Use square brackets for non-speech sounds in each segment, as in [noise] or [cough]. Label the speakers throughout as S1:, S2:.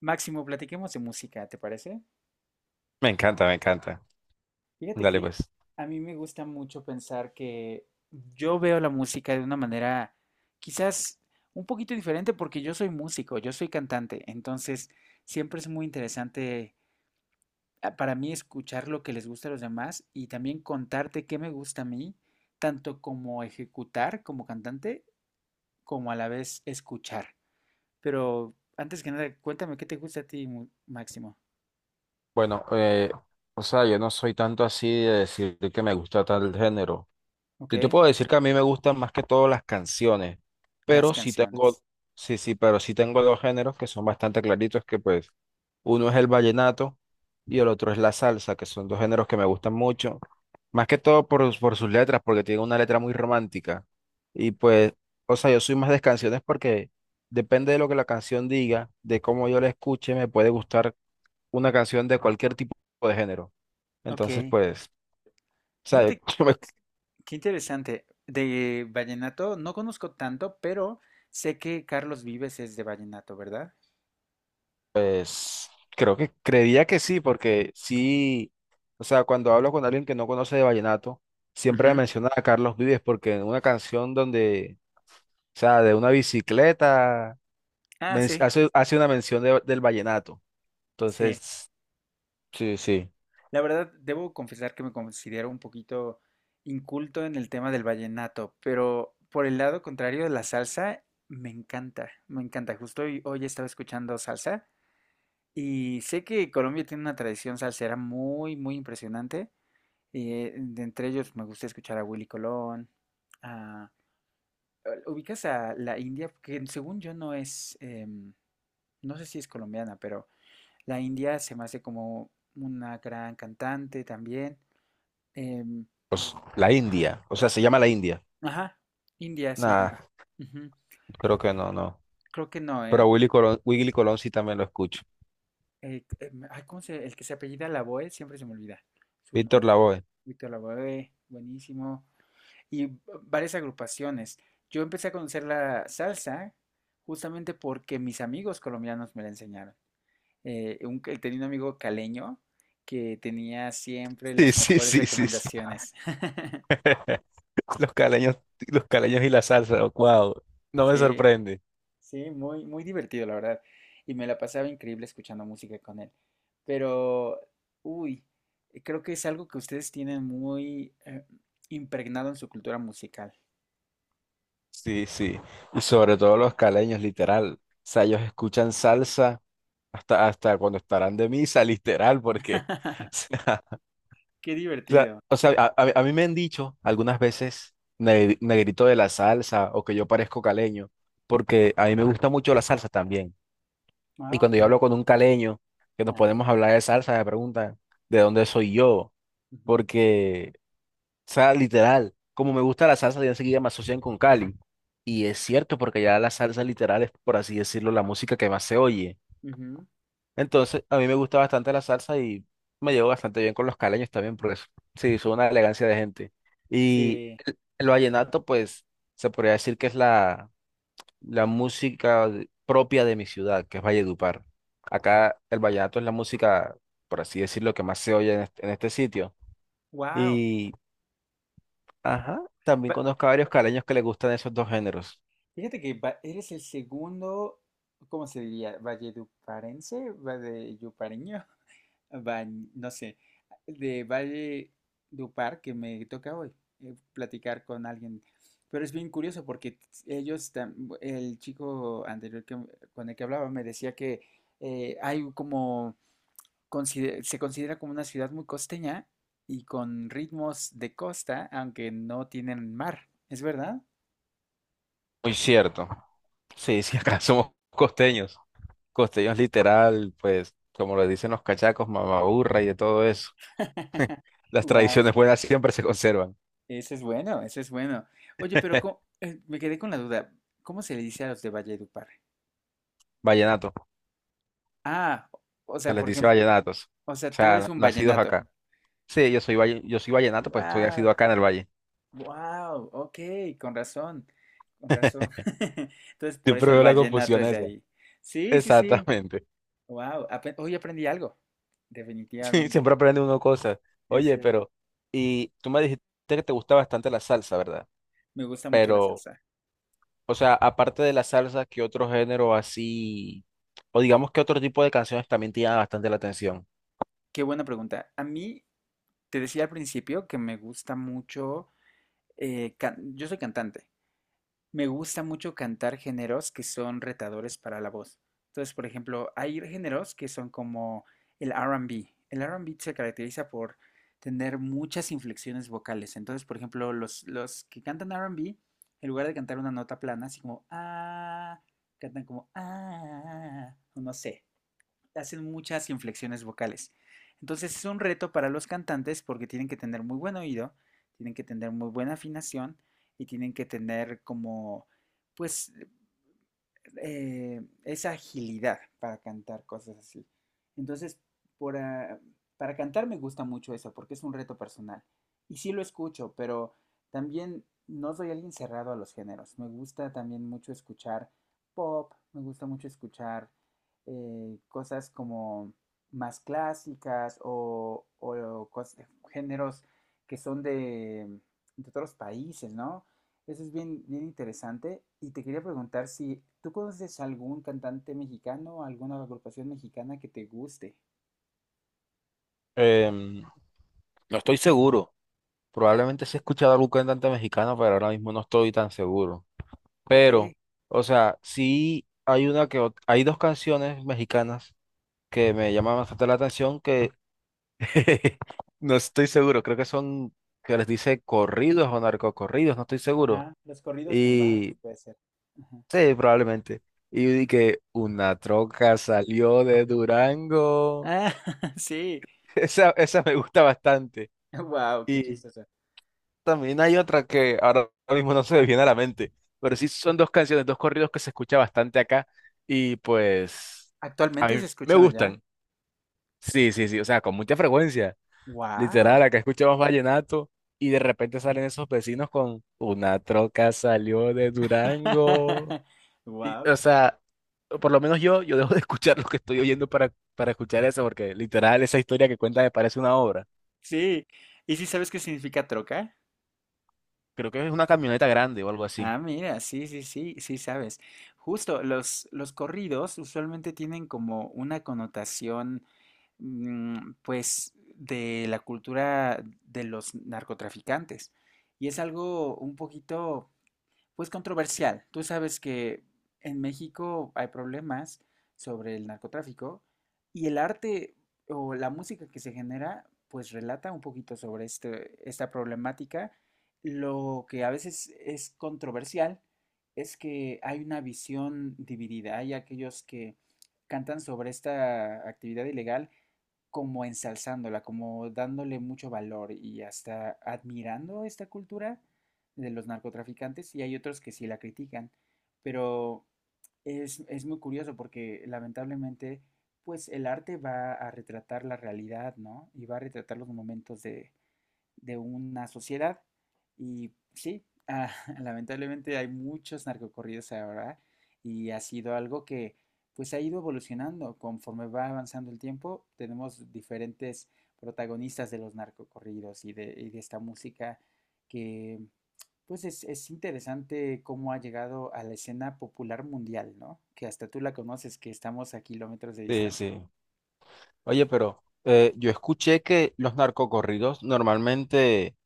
S1: Máximo, platiquemos de música, ¿te parece?
S2: Me encanta, me encanta.
S1: Fíjate
S2: Dale,
S1: que
S2: pues.
S1: a mí me gusta mucho pensar que yo veo la música de una manera quizás un poquito diferente porque yo soy músico, yo soy cantante, entonces siempre es muy interesante, para mí escuchar lo que les gusta a los demás y también contarte qué me gusta a mí, tanto como ejecutar como cantante, como a la vez escuchar. Pero antes que nada, cuéntame qué te gusta a ti, Máximo.
S2: Bueno, eh, o sea, yo no soy tanto así de decir que me gusta tal género.
S1: ¿Ok?
S2: Yo te puedo decir que a mí me gustan más que todo las canciones,
S1: Las
S2: pero sí tengo,
S1: canciones.
S2: sí, sí, pero sí tengo dos géneros que son bastante claritos, que pues uno es el vallenato y el otro es la salsa, que son dos géneros que me gustan mucho, más que todo por sus letras, porque tiene una letra muy romántica. Y pues, o sea, yo soy más de canciones porque depende de lo que la canción diga, de cómo yo la escuche, me puede gustar una canción de cualquier tipo de género.
S1: Ok.
S2: Entonces, pues, o sea,
S1: Fíjate
S2: [laughs] yo me.
S1: qué interesante. De vallenato no conozco tanto, pero sé que Carlos Vives es de vallenato, ¿verdad?
S2: Pues creo que creería que sí, porque sí, o sea, cuando hablo con alguien que no conoce de vallenato, siempre me
S1: Ujú.
S2: menciona a Carlos Vives, porque en una canción donde, o sea, de una bicicleta,
S1: Ah, sí,
S2: hace, hace una mención del vallenato.
S1: sí.
S2: Entonces, sí, sí,
S1: La verdad, debo confesar que me considero un poquito inculto en el tema del vallenato, pero por el lado contrario de la salsa, me encanta, me encanta. Justo hoy, hoy estaba escuchando salsa y sé que Colombia tiene una tradición salsera muy, muy impresionante. Y, de entre ellos me gusta escuchar a Willy Colón. Eh, ubicas a la India, que según yo no es, no sé si es colombiana, pero la India se me hace como una gran cantante también. Em,
S2: pues la India, o
S1: ca-
S2: sea, se llama la India.
S1: ajá, India se
S2: Nada,
S1: llama. Ujú.
S2: creo que no, no.
S1: Creo que no,
S2: Pero a
S1: ¿eh?
S2: Willy Colón, Willy Colón sí también lo escucho.
S1: Ay, ¿cómo se, el que se apellida Lavoe, siempre se me olvida su
S2: Víctor
S1: nombre.
S2: Lavoe. [laughs]
S1: Víctor Lavoe, buenísimo. Y varias agrupaciones. Yo empecé a conocer la salsa justamente porque mis amigos colombianos me la enseñaron. Tenía un amigo caleño que tenía siempre
S2: Sí,
S1: las
S2: sí,
S1: mejores
S2: sí, sí, sí.
S1: recomendaciones. [laughs]
S2: [laughs] Los caleños, los caleños y la salsa, wow, no me
S1: Sí,
S2: sorprende.
S1: sí, muy, muy divertido, la verdad. Y me la pasaba increíble escuchando música con él. Pero, uy, creo que es algo que ustedes tienen muy impregnado en su cultura musical.
S2: Sí, sí. Y sobre todo los caleños, literal. O sea, ellos escuchan salsa hasta, hasta cuando estarán de misa, literal, porque,
S1: [laughs]
S2: [laughs] o
S1: Qué
S2: sea,
S1: divertido.
S2: o sea, o sea, a mí me han dicho algunas veces "Ne- "negrito de la salsa" o que yo parezco caleño, porque a mí me gusta mucho la salsa también. Y
S1: Ah,
S2: cuando yo hablo
S1: ok.
S2: con un caleño, que nos
S1: Ah,
S2: podemos hablar de salsa, me preguntan de dónde soy yo,
S1: ujú,
S2: porque o sea, literal, como me gusta la salsa, ya enseguida me asocian con Cali. Y es cierto, porque ya la salsa literal es, por así decirlo, la música que más se oye.
S1: ujú.
S2: Entonces, a mí me gusta bastante la salsa y me llevo bastante bien con los caleños también, por eso. Sí, son una elegancia de gente. Y
S1: Sí,
S2: el vallenato, pues, se podría decir que es la música propia de mi ciudad, que es Valledupar. Acá el vallenato es la música, por así decirlo, que más se oye en este sitio.
S1: wow.
S2: Y ajá, también conozco a varios caleños que les gustan esos dos géneros.
S1: Fíjate que eres el segundo, ¿cómo se diría? Valleduparense, valledupareño, [laughs] no sé, de Valledupar que me toca hoy platicar con alguien. Pero es bien curioso porque ellos, el chico anterior con el que hablaba me decía que hay como, se considera como una ciudad muy costeña y con ritmos de costa, aunque no tienen mar. ¿Es verdad?
S2: Muy cierto. Sí, sí, [laughs] acá somos costeños. Costeños literal, pues, como lo dicen los cachacos, mamaburra y de todo eso.
S1: [laughs]
S2: Las
S1: Wow.
S2: tradiciones buenas siempre se conservan.
S1: Ese es bueno, ese es bueno. Oye, pero
S2: [laughs]
S1: me quedé con la duda. ¿Cómo se le dice a los de Valledupar?
S2: Vallenato,
S1: Ah, o
S2: se
S1: sea,
S2: les
S1: por
S2: dice
S1: ejemplo,
S2: vallenatos.
S1: o
S2: O
S1: sea, tú eres
S2: sea,
S1: un
S2: nacidos
S1: vallenato.
S2: acá. Sí, yo soy vallenato, pues soy
S1: Wow,
S2: nacido acá en el valle.
S1: wow, ok, con razón, con razón.
S2: [laughs]
S1: [laughs] Entonces, por
S2: Siempre
S1: eso el
S2: veo la
S1: vallenato
S2: confusión
S1: es de
S2: esa.
S1: ahí. Sí, sí, sí.
S2: Exactamente. [laughs]
S1: Wow, hoy aprendí algo.
S2: Sí,
S1: Definitivamente,
S2: siempre aprende uno cosas.
S1: es
S2: Oye,
S1: cierto.
S2: pero, y tú me dijiste que te gusta bastante la salsa, ¿verdad?
S1: Me gusta mucho la
S2: Pero
S1: salsa.
S2: o sea, aparte de la salsa, ¿qué otro género así, o digamos que otro tipo de canciones también te llama bastante la atención?
S1: Qué buena pregunta. A mí, te decía al principio que me gusta mucho, yo soy cantante. Me gusta mucho cantar géneros que son retadores para la voz. Entonces, por ejemplo, hay géneros que son como el R&B. El R&B se caracteriza por tener muchas inflexiones vocales. Entonces, por ejemplo, los que cantan R&B, en lugar de cantar una nota plana, así como ah, cantan como ah, o no sé, hacen muchas inflexiones vocales. Entonces es un reto para los cantantes porque tienen que tener muy buen oído, tienen que tener muy buena afinación y tienen que tener como, pues, esa agilidad para cantar cosas así. Entonces, por, ah, para cantar me gusta mucho eso, porque es un reto personal. Y sí lo escucho, pero también no soy alguien cerrado a los géneros. Me gusta también mucho escuchar pop, me gusta mucho escuchar cosas como más clásicas o géneros que son de otros países, ¿no? Eso es bien, bien interesante. Y te quería preguntar si tú conoces algún cantante mexicano, alguna agrupación mexicana que te guste.
S2: Em, no estoy seguro. Probablemente sí he escuchado algún cantante mexicano, pero ahora mismo no estoy tan seguro.
S1: Ok,
S2: Pero, o sea, sí hay hay dos canciones mexicanas que me llaman bastante la atención que [laughs] no estoy seguro. Creo que son que les dice corridos o narcocorridos, no estoy seguro.
S1: ajá, los corridos tumbados,
S2: Y
S1: puede ser. Ajá.
S2: sí, probablemente. Y yo dije, una troca salió de Durango.
S1: Ah, [laughs] sí.
S2: [laughs] Esa me gusta bastante.
S1: Wow, qué
S2: Y
S1: chistoso.
S2: también hay otra que ahora mismo no se me viene a la mente, pero sí son dos canciones, dos corridos que se escucha bastante acá y pues a
S1: ¿Actualmente
S2: mí
S1: se
S2: me
S1: escuchan allá?
S2: gustan. Sí, sí, sí, o sea, con mucha frecuencia. Literal,
S1: Wow.
S2: acá escuchamos vallenato y de repente salen esos vecinos con una troca salió de Durango.
S1: [laughs]
S2: Y,
S1: Wow.
S2: o sea, por lo menos yo dejo de [laughs] escuchar lo que estoy oyendo para escuchar eso, porque literal esa historia que cuenta me parece una obra.
S1: Sí. ¿Y si sabes qué significa troca?
S2: Creo que es una camioneta grande o algo así.
S1: Ah, mira, sí, sí, sí, sí sabes. Justo, los corridos usualmente tienen como una connotación, pues, de la cultura de los narcotraficantes. Y es algo un poquito, pues controversial. Tú sabes que en México hay problemas sobre el narcotráfico y el arte o la música que se genera pues relata un poquito sobre este, esta problemática. Lo que a veces es controversial es que hay una visión dividida. Hay aquellos que cantan sobre esta actividad ilegal como ensalzándola, como dándole mucho valor y hasta admirando esta cultura de los narcotraficantes y hay otros que sí la critican, pero es muy curioso porque lamentablemente pues el arte va a retratar la realidad, ¿no? Y va a retratar los momentos de una sociedad. Y sí, [laughs] lamentablemente hay muchos narcocorridos ahora y ha sido algo que pues ha ido evolucionando conforme va avanzando el tiempo. Tenemos diferentes protagonistas de los narcocorridos y de esta música que pues es, interesante cómo ha llegado a la escena popular mundial, ¿no? Que hasta tú la conoces, que estamos a kilómetros de
S2: Sí,
S1: distancia.
S2: sí. Oye, pero yo escuché que los narcocorridos normalmente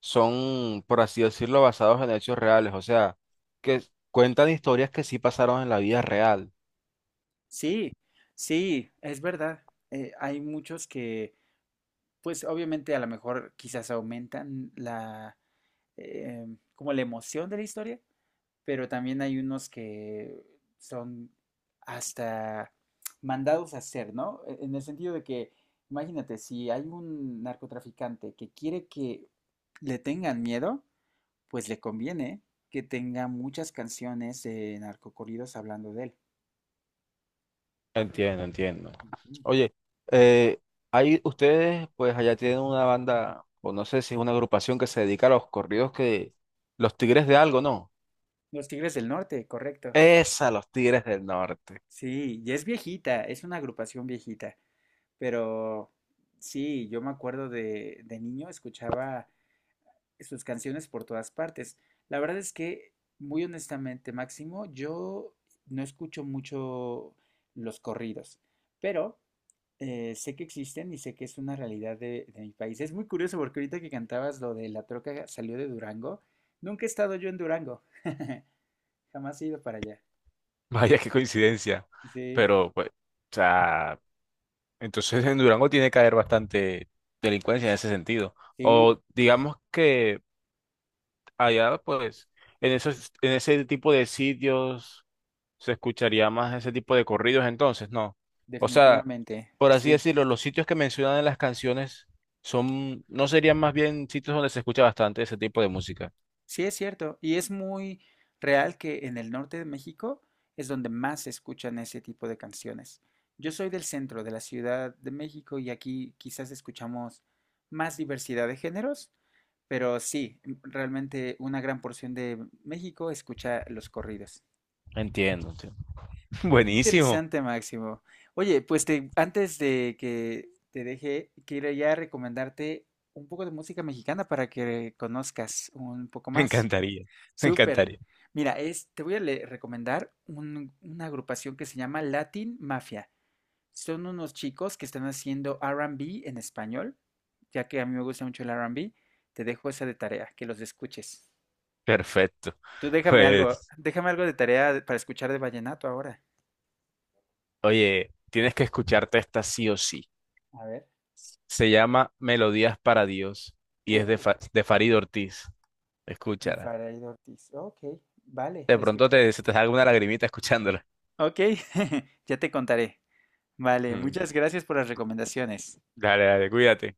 S2: son, por así decirlo, basados en hechos reales, o sea, que cuentan historias que sí pasaron en la vida real.
S1: Sí, sí, es verdad. Hay muchos que pues obviamente a lo mejor quizás aumentan la, eh, como la emoción de la historia, pero también hay unos que son hasta mandados a hacer, ¿no? En el sentido de que, imagínate, si hay un narcotraficante que quiere que le tengan miedo, pues le conviene que tenga muchas canciones de narcocorridos hablando de él.
S2: Entiendo, entiendo.
S1: Ujú.
S2: Oye, eh, hay ustedes, pues allá tienen una banda, o no sé si es una agrupación que se dedica a los corridos que los Tigres de algo, ¿no?
S1: Los Tigres del Norte, correcto.
S2: Esa, los Tigres del Norte.
S1: Sí, y es viejita, es una agrupación viejita. Pero sí, yo me acuerdo de niño, escuchaba sus canciones por todas partes. La verdad es que, muy honestamente, Máximo, yo no escucho mucho los corridos, pero sé que existen y sé que es una realidad de mi país. Es muy curioso porque ahorita que cantabas lo de la troca salió de Durango, nunca he estado yo en Durango, [laughs] jamás he ido para allá.
S2: [laughs] Vaya, qué coincidencia.
S1: Sí,
S2: Pero, pues, o sea, entonces en Durango tiene que haber bastante delincuencia en ese sentido.
S1: sí,
S2: O digamos que allá, pues, en esos, en ese tipo de sitios se escucharía más ese tipo de corridos entonces, ¿no? O sea,
S1: definitivamente,
S2: por así
S1: sí.
S2: decirlo, los sitios que mencionan en las canciones son, no serían más bien sitios donde se escucha bastante ese tipo de música.
S1: Sí, es cierto, y es muy real que en el norte de México es donde más se escuchan ese tipo de canciones. Yo soy del centro de la Ciudad de México y aquí quizás escuchamos más diversidad de géneros, pero sí, realmente una gran porción de México escucha los corridos.
S2: Entiendo, entiendo. [laughs]
S1: Qué
S2: Buenísimo,
S1: interesante, Máximo. Oye, pues antes de que te deje, quiero ya recomendarte un poco de música mexicana para que conozcas un poco
S2: me
S1: más.
S2: encantaría, me
S1: Súper.
S2: encantaría.
S1: Mira, es, te voy a recomendar una agrupación que se llama Latin Mafia. Son unos chicos que están haciendo R&B en español, ya que a mí me gusta mucho el R&B. Te dejo esa de tarea, que los escuches.
S2: Perfecto.
S1: Tú
S2: Pues,
S1: déjame algo de tarea para escuchar de vallenato ahora.
S2: oye, tienes que escucharte esta sí o sí.
S1: A ver.
S2: Se llama Melodías para Dios y es de,
S1: Uh,
S2: De Farid Ortiz.
S1: de
S2: Escúchala.
S1: Farid Ortiz. Ok, vale,
S2: De
S1: le
S2: pronto
S1: escucharé.
S2: te, se te salga una lagrimita escuchándola.
S1: Ok, [laughs] ya te contaré. Vale,
S2: Mm,
S1: muchas gracias por las recomendaciones.
S2: dale, dale, cuídate.